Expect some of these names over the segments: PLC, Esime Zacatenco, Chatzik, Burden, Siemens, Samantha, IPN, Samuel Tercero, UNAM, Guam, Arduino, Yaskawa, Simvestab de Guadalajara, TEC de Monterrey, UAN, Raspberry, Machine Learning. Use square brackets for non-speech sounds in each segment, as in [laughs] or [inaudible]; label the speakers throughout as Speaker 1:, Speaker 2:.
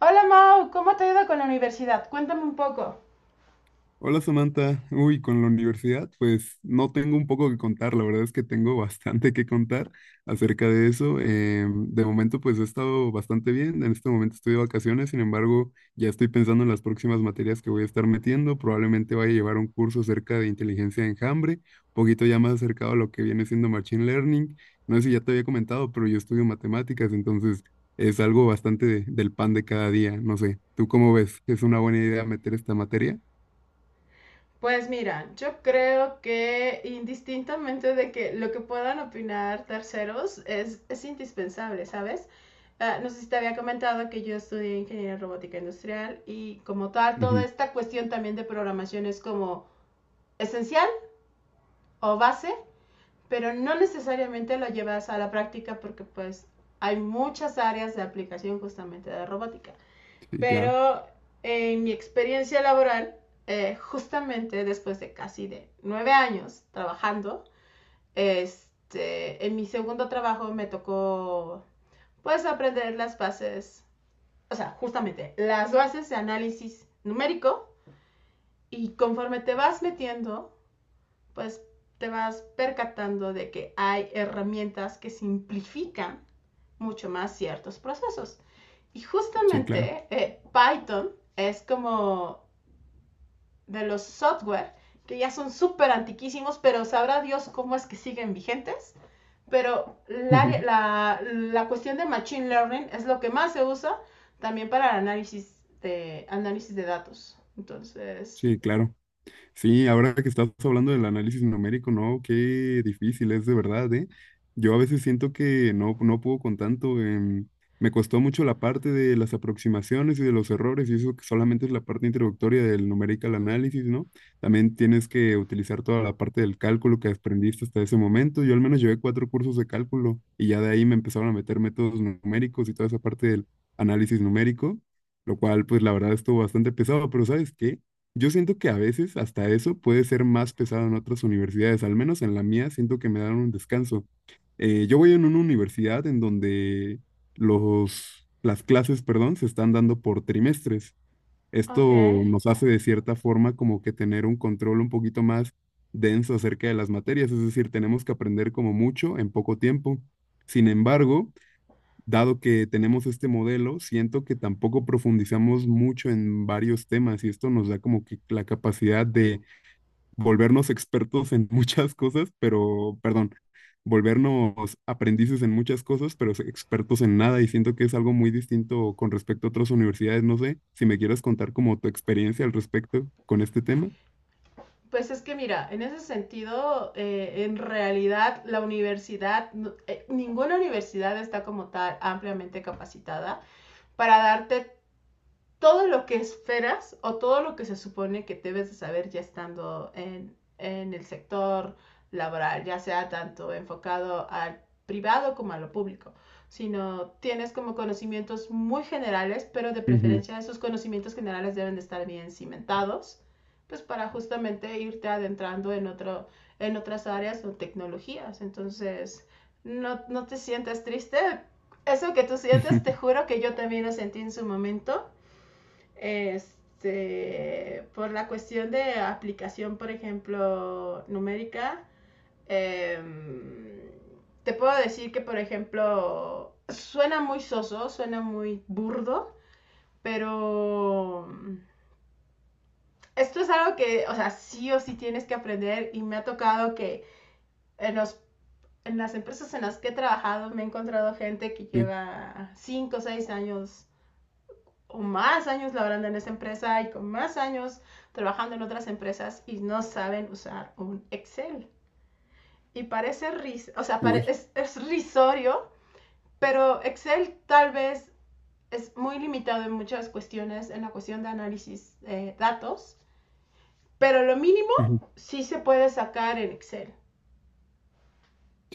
Speaker 1: Hola Mau, ¿cómo te ha ido con la universidad? Cuéntame un poco.
Speaker 2: Hola Samantha, con la universidad, pues no tengo un poco que contar, la verdad es que tengo [laughs] bastante que contar acerca de eso. De momento pues he estado bastante bien, en este momento estoy de vacaciones, sin embargo ya estoy pensando en las próximas materias que voy a estar metiendo, probablemente vaya a llevar un curso acerca de inteligencia de enjambre, un poquito ya más acercado a lo que viene siendo Machine Learning. No sé si ya te había comentado, pero yo estudio matemáticas, entonces es algo bastante del pan de cada día, no sé, ¿tú cómo ves? ¿Es una buena idea meter esta materia?
Speaker 1: Pues mira, yo creo que indistintamente de que lo que puedan opinar terceros es indispensable, ¿sabes? Ah, no sé si te había comentado que yo estudié ingeniería robótica industrial y como tal, toda esta cuestión también de programación es como esencial o base, pero no necesariamente lo llevas a la práctica porque pues hay muchas áreas de aplicación justamente de robótica.
Speaker 2: Sí, claro,
Speaker 1: Pero en mi experiencia laboral, justamente después de casi de 9 años trabajando, este, en mi segundo trabajo me tocó, pues, aprender las bases, o sea, justamente las bases de análisis numérico y conforme te vas metiendo, pues, te vas percatando de que hay herramientas que simplifican mucho más ciertos procesos. Y
Speaker 2: sí, claro.
Speaker 1: justamente Python es como de los software, que ya son súper antiquísimos, pero sabrá Dios cómo es que siguen vigentes. Pero la,
Speaker 2: [laughs]
Speaker 1: la, la cuestión de Machine Learning es lo que más se usa también para el análisis de datos. Entonces,
Speaker 2: Sí, claro. Sí, ahora que estás hablando del análisis numérico, no, qué difícil es de verdad, ¿eh? Yo a veces siento que no puedo con tanto. Me costó mucho la parte de las aproximaciones y de los errores, y eso que solamente es la parte introductoria del numerical análisis, ¿no? También tienes que utilizar toda la parte del cálculo que aprendiste hasta ese momento. Yo al menos llevé cuatro cursos de cálculo y ya de ahí me empezaron a meter métodos numéricos y toda esa parte del análisis numérico, lo cual pues la verdad estuvo bastante pesado, pero ¿sabes qué? Yo siento que a veces hasta eso puede ser más pesado en otras universidades, al menos en la mía siento que me dan un descanso. Yo voy en una universidad en donde las clases, perdón, se están dando por trimestres.
Speaker 1: ok.
Speaker 2: Esto nos hace de cierta forma como que tener un control un poquito más denso acerca de las materias, es decir, tenemos que aprender como mucho en poco tiempo. Sin embargo, dado que tenemos este modelo, siento que tampoco profundizamos mucho en varios temas y esto nos da como que la capacidad de volvernos expertos en [laughs] muchas cosas, pero, perdón, volvernos aprendices en muchas cosas, pero expertos en nada y siento que es algo muy distinto con respecto a otras universidades. No sé si me quieras contar como tu experiencia al respecto con este tema.
Speaker 1: Pues es que mira, en ese sentido, en realidad la universidad, ninguna universidad está como tal ampliamente capacitada para darte todo lo que esperas o todo lo que se supone que debes de saber ya estando en el sector laboral, ya sea tanto enfocado al privado como a lo público, sino tienes como conocimientos muy generales, pero de
Speaker 2: Ujú.
Speaker 1: preferencia esos conocimientos generales deben de estar bien cimentados, pues para justamente irte adentrando en otras áreas o tecnologías. Entonces, no, no te sientas triste. Eso que tú sientes, te
Speaker 2: [laughs]
Speaker 1: juro que yo también lo sentí en su momento. Este, por la cuestión de aplicación, por ejemplo, numérica, eh, te puedo decir que, por ejemplo, suena muy soso, suena muy burdo, pero esto es algo que, o sea, sí o sí tienes que aprender y me ha tocado que en, los, en las empresas en las que he trabajado me he encontrado gente que
Speaker 2: Sí.
Speaker 1: lleva 5 o 6 años o más años laborando en esa empresa y con más años trabajando en otras empresas y no saben usar un Excel. Y parece, ris o sea, pare
Speaker 2: Uy.
Speaker 1: es, es risorio, pero Excel tal vez es muy limitado en muchas cuestiones, en la cuestión de análisis de datos, pero lo mínimo
Speaker 2: Ujú,
Speaker 1: sí se puede sacar en Excel,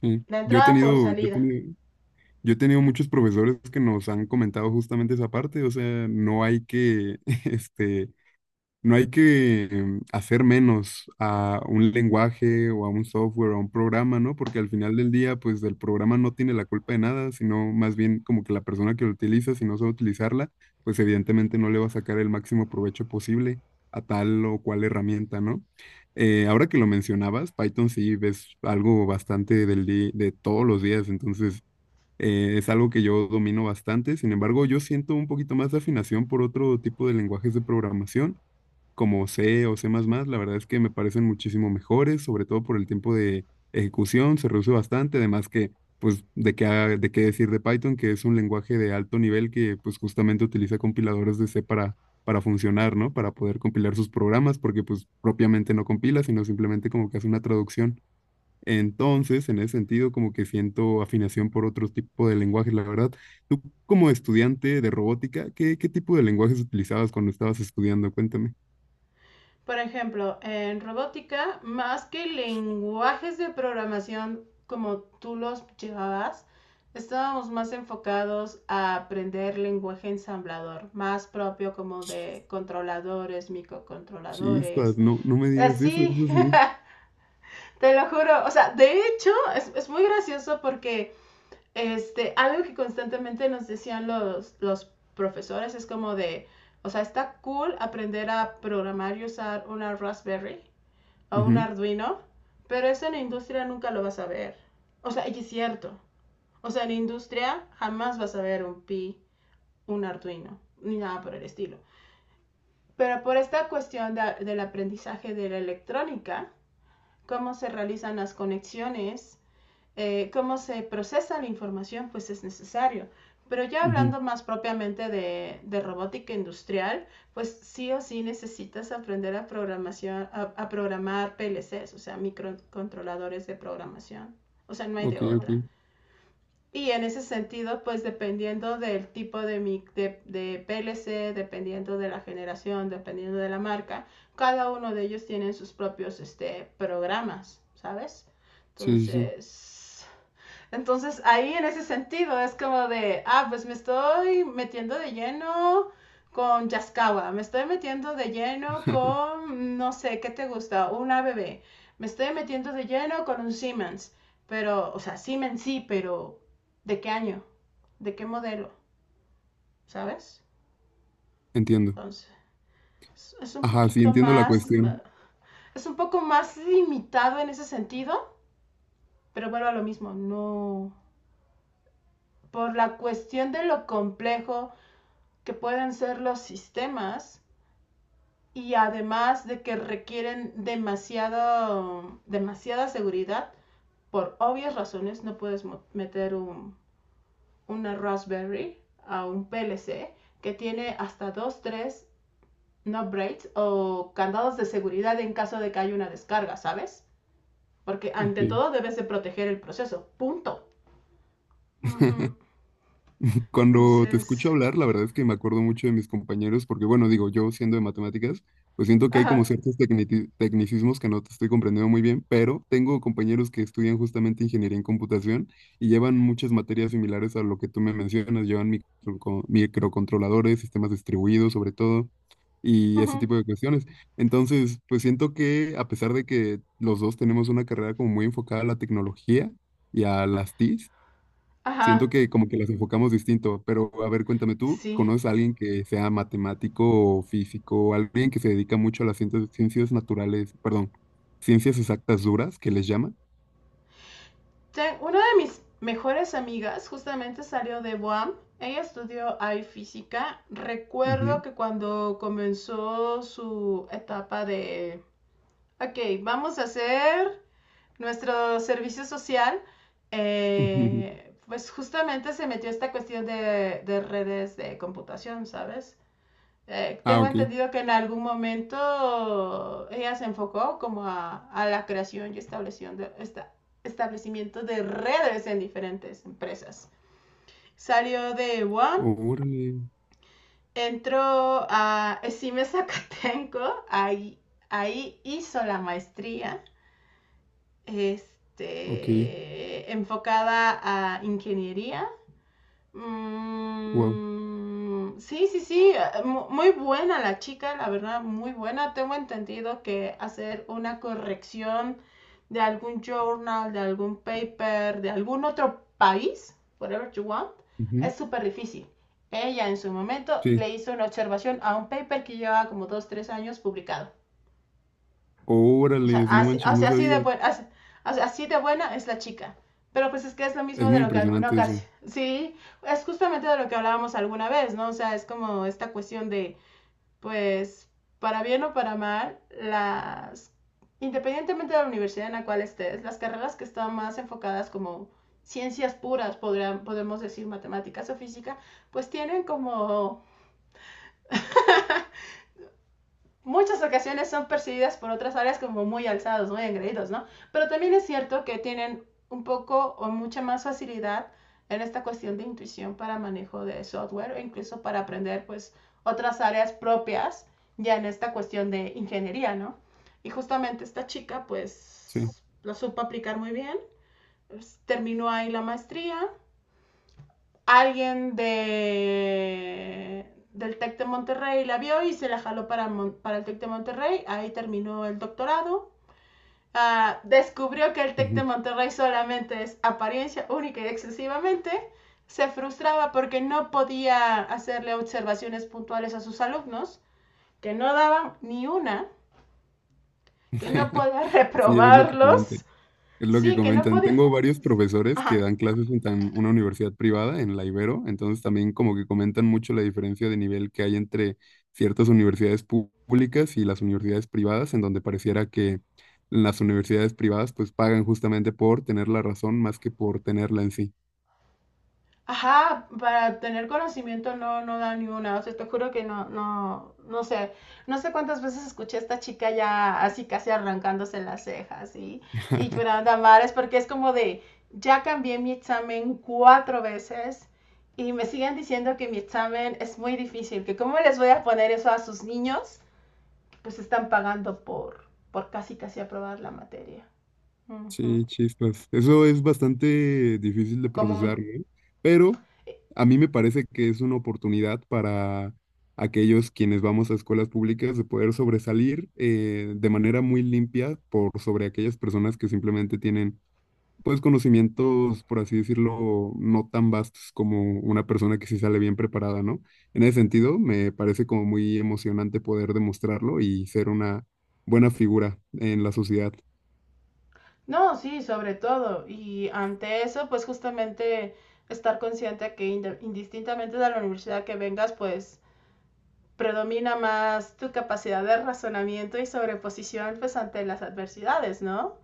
Speaker 2: sí.
Speaker 1: la entrada por salida.
Speaker 2: Yo he tenido muchos profesores que nos han comentado justamente esa parte, o sea, no hay que, [laughs] este, no hay que hacer menos a un lenguaje o a un software o a un programa, ¿no? Porque al final del día, pues el programa no tiene la culpa de nada, sino más bien como que la persona que lo utiliza, si no sabe utilizarla, pues evidentemente no le va a sacar el máximo provecho posible a tal o cual herramienta, ¿no? Ahora que lo mencionabas, Python sí ves algo bastante de todos los días, entonces es algo que yo domino bastante, sin embargo, yo siento un poquito más de afinación por otro tipo de lenguajes de programación, como C o C++, la verdad es que me parecen muchísimo mejores, sobre todo por el tiempo de ejecución, se reduce bastante, además que, pues, de qué decir de Python, que es un lenguaje de alto nivel que, pues, justamente utiliza compiladores de C para funcionar, ¿no? Para poder compilar sus programas, porque, pues, propiamente no compila, sino simplemente como que hace una traducción. Entonces, en ese sentido, como que siento afinación por otro tipo de lenguajes, la verdad. Tú, como estudiante de robótica, ¿qué tipo de lenguajes utilizabas cuando estabas estudiando? Cuéntame.
Speaker 1: Por ejemplo, en robótica, más que lenguajes de programación como tú los llevabas, estábamos más enfocados a aprender lenguaje ensamblador, más propio como de controladores,
Speaker 2: Chispas,
Speaker 1: microcontroladores.
Speaker 2: no me digas eso,
Speaker 1: Así,
Speaker 2: eso es muy...
Speaker 1: [laughs] te lo juro. O sea, de hecho, es muy gracioso porque este, algo que constantemente nos decían los profesores es como de, o sea, está cool aprender a programar y usar una Raspberry o un
Speaker 2: Ujú,
Speaker 1: Arduino, pero eso en la industria nunca lo vas a ver. O sea, y es cierto. O sea, en la industria jamás vas a ver un Pi, un Arduino, ni nada por el estilo. Pero por esta cuestión del aprendizaje de la electrónica, cómo se realizan las conexiones, cómo se procesa la información, pues es necesario. Pero ya
Speaker 2: ujú.
Speaker 1: hablando más propiamente de robótica industrial, pues sí o sí necesitas aprender a, programación, a, programar PLCs, o sea, microcontroladores de programación. O sea, no hay de
Speaker 2: Ok, ok.
Speaker 1: otra. Y en ese sentido, pues dependiendo del tipo de PLC, dependiendo de la generación, dependiendo de la marca, cada uno de ellos tiene sus propios este, programas, ¿sabes?
Speaker 2: Sí, sí, sí.
Speaker 1: Entonces, entonces ahí en ese sentido es como de, ah, pues me estoy metiendo de lleno con Yaskawa, me estoy metiendo de lleno
Speaker 2: [laughs]
Speaker 1: con, no sé, ¿qué te gusta? Una bebé, me estoy metiendo de lleno con un Siemens, pero, o sea, Siemens sí, pero ¿de qué año? ¿De qué modelo? ¿Sabes?
Speaker 2: Entiendo.
Speaker 1: Entonces, es- un
Speaker 2: Ajá, sí,
Speaker 1: poquito
Speaker 2: entiendo la
Speaker 1: más,
Speaker 2: cuestión.
Speaker 1: es un poco más limitado en ese sentido, pero vuelvo a lo mismo, no, por la cuestión de lo complejo que pueden ser los sistemas y además de que requieren demasiada seguridad, por obvias razones no puedes meter una Raspberry a un PLC que tiene hasta 2 3 no braids o candados de seguridad en caso de que haya una descarga, ¿sabes? Porque ante
Speaker 2: Ok.
Speaker 1: todo debes de proteger el proceso, punto. Uh -huh.
Speaker 2: [laughs] Cuando te
Speaker 1: Entonces,
Speaker 2: escucho hablar, la verdad es que me acuerdo mucho de mis compañeros, porque bueno, digo, yo siendo de matemáticas, pues siento que hay como
Speaker 1: ajá,
Speaker 2: ciertos tecnicismos que no te estoy comprendiendo muy bien, pero tengo compañeros que estudian justamente ingeniería en computación y llevan muchas materias similares a lo que tú me mencionas, llevan microcontroladores, sistemas distribuidos sobre todo, y
Speaker 1: uh
Speaker 2: ese
Speaker 1: -huh.
Speaker 2: tipo de cuestiones. Entonces, pues siento que a pesar de que los dos tenemos una carrera como muy enfocada a la tecnología y a las TICs,
Speaker 1: Ajá,
Speaker 2: siento que como que las enfocamos distinto, pero a ver, cuéntame tú,
Speaker 1: sí.
Speaker 2: ¿conoces a alguien que sea matemático o físico, alguien que se dedica mucho a las ciencias, ciencias naturales, perdón, ciencias exactas duras, que les llaman?
Speaker 1: Una de mis mejores amigas justamente salió de Guam. Ella estudió ahí física. Recuerdo
Speaker 2: Ujú,
Speaker 1: que cuando comenzó su etapa de, ok, vamos a hacer nuestro servicio social,
Speaker 2: [laughs] ujú.
Speaker 1: pues justamente se metió esta cuestión de redes de computación, ¿sabes?
Speaker 2: Ah,
Speaker 1: Tengo
Speaker 2: ok.
Speaker 1: entendido que en algún momento ella se enfocó como a la creación y establecimiento establecimiento de redes en diferentes empresas. Salió de One,
Speaker 2: Órale,
Speaker 1: entró a Esime Zacatenco, ahí hizo la maestría
Speaker 2: ok,
Speaker 1: este, enfocada a ingeniería.
Speaker 2: wow.
Speaker 1: Mm, sí, sí, sí, muy buena la chica, la verdad, muy buena. Tengo entendido que hacer una corrección de algún journal, de algún paper, de algún otro país, whatever you want,
Speaker 2: Ujú,
Speaker 1: es súper difícil. Ella en su momento
Speaker 2: sí,
Speaker 1: le hizo una observación a un paper que llevaba como 2, 3 años publicado.
Speaker 2: órale, no manches,
Speaker 1: O
Speaker 2: no
Speaker 1: sea, así de
Speaker 2: sabía.
Speaker 1: buena, así, o sea, así de buena es la chica. Pero pues es que es lo
Speaker 2: Es
Speaker 1: mismo de
Speaker 2: muy
Speaker 1: lo que alguna
Speaker 2: impresionante eso.
Speaker 1: ocasión, sí, es justamente de lo que hablábamos alguna vez, ¿no? O sea, es como esta cuestión de, pues, para bien o para mal, independientemente de la universidad en la cual estés, las carreras que están más enfocadas como ciencias puras, podemos decir matemáticas o física, pues tienen como muchas ocasiones son percibidas por otras áreas como muy alzados, muy engreídos, ¿no? Pero también es cierto que tienen un poco o mucha más facilidad en esta cuestión de intuición para manejo de software o incluso para aprender pues otras áreas propias ya en esta cuestión de ingeniería, ¿no? Y justamente esta chica
Speaker 2: Sí,
Speaker 1: pues lo supo aplicar muy bien, pues, terminó ahí la maestría, alguien de del TEC de Monterrey la vio y se la jaló para el TEC de Monterrey, ahí terminó el doctorado. Ah, descubrió que el TEC de
Speaker 2: ujú.
Speaker 1: Monterrey solamente es apariencia única y exclusivamente. Se frustraba porque no podía hacerle observaciones puntuales a sus alumnos, que no daban ni una, que no
Speaker 2: [laughs]
Speaker 1: podía [laughs]
Speaker 2: Sí, es lo que comenté.
Speaker 1: reprobarlos.
Speaker 2: Es lo que
Speaker 1: Sí, que no
Speaker 2: comentan.
Speaker 1: podía...
Speaker 2: Tengo varios profesores que
Speaker 1: Ajá.
Speaker 2: dan clases en una universidad privada, en la Ibero, entonces también como que comentan mucho la diferencia de nivel que hay entre ciertas universidades públicas y las universidades privadas, en donde pareciera que las universidades privadas pues pagan justamente por tener la razón más que por tenerla en sí.
Speaker 1: Ajá, para tener conocimiento no, no da ninguna, o sea, te juro que no, no, no sé, no sé cuántas veces escuché a esta chica ya así casi arrancándose las cejas, y
Speaker 2: [laughs]
Speaker 1: llorando a mares, porque es como de, ya cambié mi examen 4 veces y me siguen diciendo que mi examen es muy difícil, que cómo les voy a poner eso a sus niños, pues están pagando por casi casi aprobar la materia. Uh -huh.
Speaker 2: Sí, chispas. Eso es bastante difícil de
Speaker 1: Común.
Speaker 2: procesar, ¿no? Pero a mí me parece que es una oportunidad para aquellos quienes vamos a escuelas públicas de poder sobresalir de manera muy limpia por sobre aquellas personas que simplemente tienen, pues, conocimientos, por así decirlo, no tan vastos como una persona que sí sale bien preparada, ¿no? En ese sentido, me parece como muy emocionante poder demostrarlo y ser una buena figura en la sociedad.
Speaker 1: No, sí, sobre todo. Y ante eso, pues justamente estar consciente que indistintamente de la universidad que vengas, pues predomina más tu capacidad de razonamiento y sobreposición pues ante las adversidades, ¿no?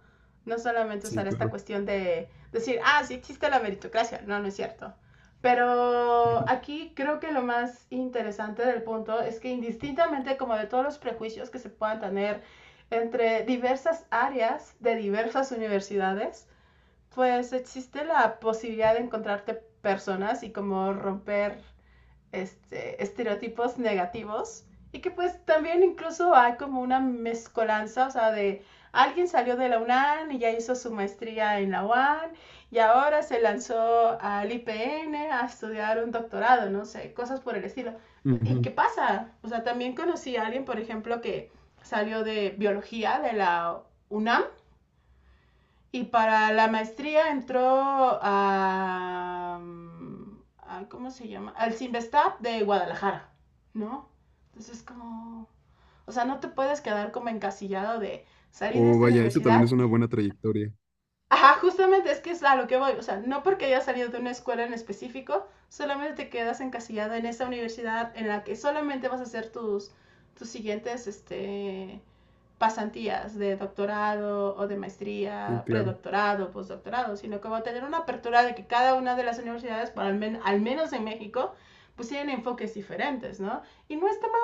Speaker 1: No solamente
Speaker 2: Sí,
Speaker 1: usar esta
Speaker 2: claro.
Speaker 1: cuestión de decir, ah, sí existe la meritocracia, no, no es cierto. Pero
Speaker 2: [laughs]
Speaker 1: aquí creo que lo más interesante del punto es que indistintamente como de todos los prejuicios que se puedan tener entre diversas áreas de diversas universidades, pues existe la posibilidad de encontrarte personas y como romper este, estereotipos negativos y que pues también incluso hay como una mezcolanza, o sea, de alguien salió de la UNAM y ya hizo su maestría en la UAN y ahora se lanzó al IPN a estudiar un doctorado, no sé, cosas por el estilo. ¿Y qué
Speaker 2: Ujú.
Speaker 1: pasa? O sea, también conocí a alguien, por ejemplo, que salió de biología de la UNAM y para la maestría entró a ¿cómo se llama? Al Simvestab de Guadalajara, ¿no? Entonces como, o sea, no te puedes quedar como encasillado de salir de
Speaker 2: Oh,
Speaker 1: esta
Speaker 2: vaya, eso también
Speaker 1: universidad.
Speaker 2: es una buena trayectoria.
Speaker 1: Ajá, justamente es que es a lo que voy, o sea, no porque hayas salido de una escuela en específico, solamente te quedas encasillado en esa universidad en la que solamente vas a hacer tus siguientes, este, pasantías de doctorado o de
Speaker 2: Sí,
Speaker 1: maestría,
Speaker 2: claro.
Speaker 1: predoctorado, postdoctorado, sino que va a tener una apertura de que cada una de las universidades, por al, men al menos en México, pues tienen enfoques diferentes, ¿no? Y no está mal.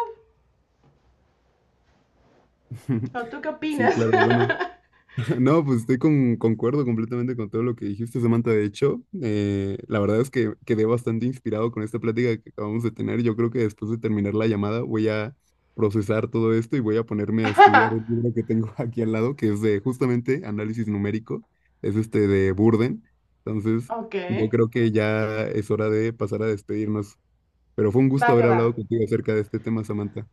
Speaker 1: ¿O tú
Speaker 2: [laughs]
Speaker 1: qué
Speaker 2: Sí,
Speaker 1: opinas?
Speaker 2: claro, bueno. [laughs] No, pues estoy con, concuerdo completamente con todo lo que dijiste, Samantha. De hecho, la verdad es que quedé bastante inspirado con esta plática que acabamos de tener. Yo creo que después de terminar la llamada voy a procesar todo esto y voy a ponerme a estudiar el
Speaker 1: [laughs]
Speaker 2: libro que tengo [laughs] aquí al lado, que es de justamente análisis numérico. Es este de Burden. Entonces,
Speaker 1: ok,
Speaker 2: yo creo que ya es hora de pasar a despedirnos. Pero fue un
Speaker 1: va
Speaker 2: gusto haber
Speaker 1: que va.
Speaker 2: hablado contigo acerca de este tema, Samantha.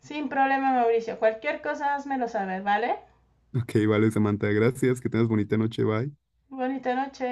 Speaker 1: Sin problema, Mauricio. Cualquier cosa, házmelo saber, ¿vale?
Speaker 2: [laughs] Ok, vale, Samantha. Gracias. Que tengas bonita noche. Bye.
Speaker 1: Bonita noche.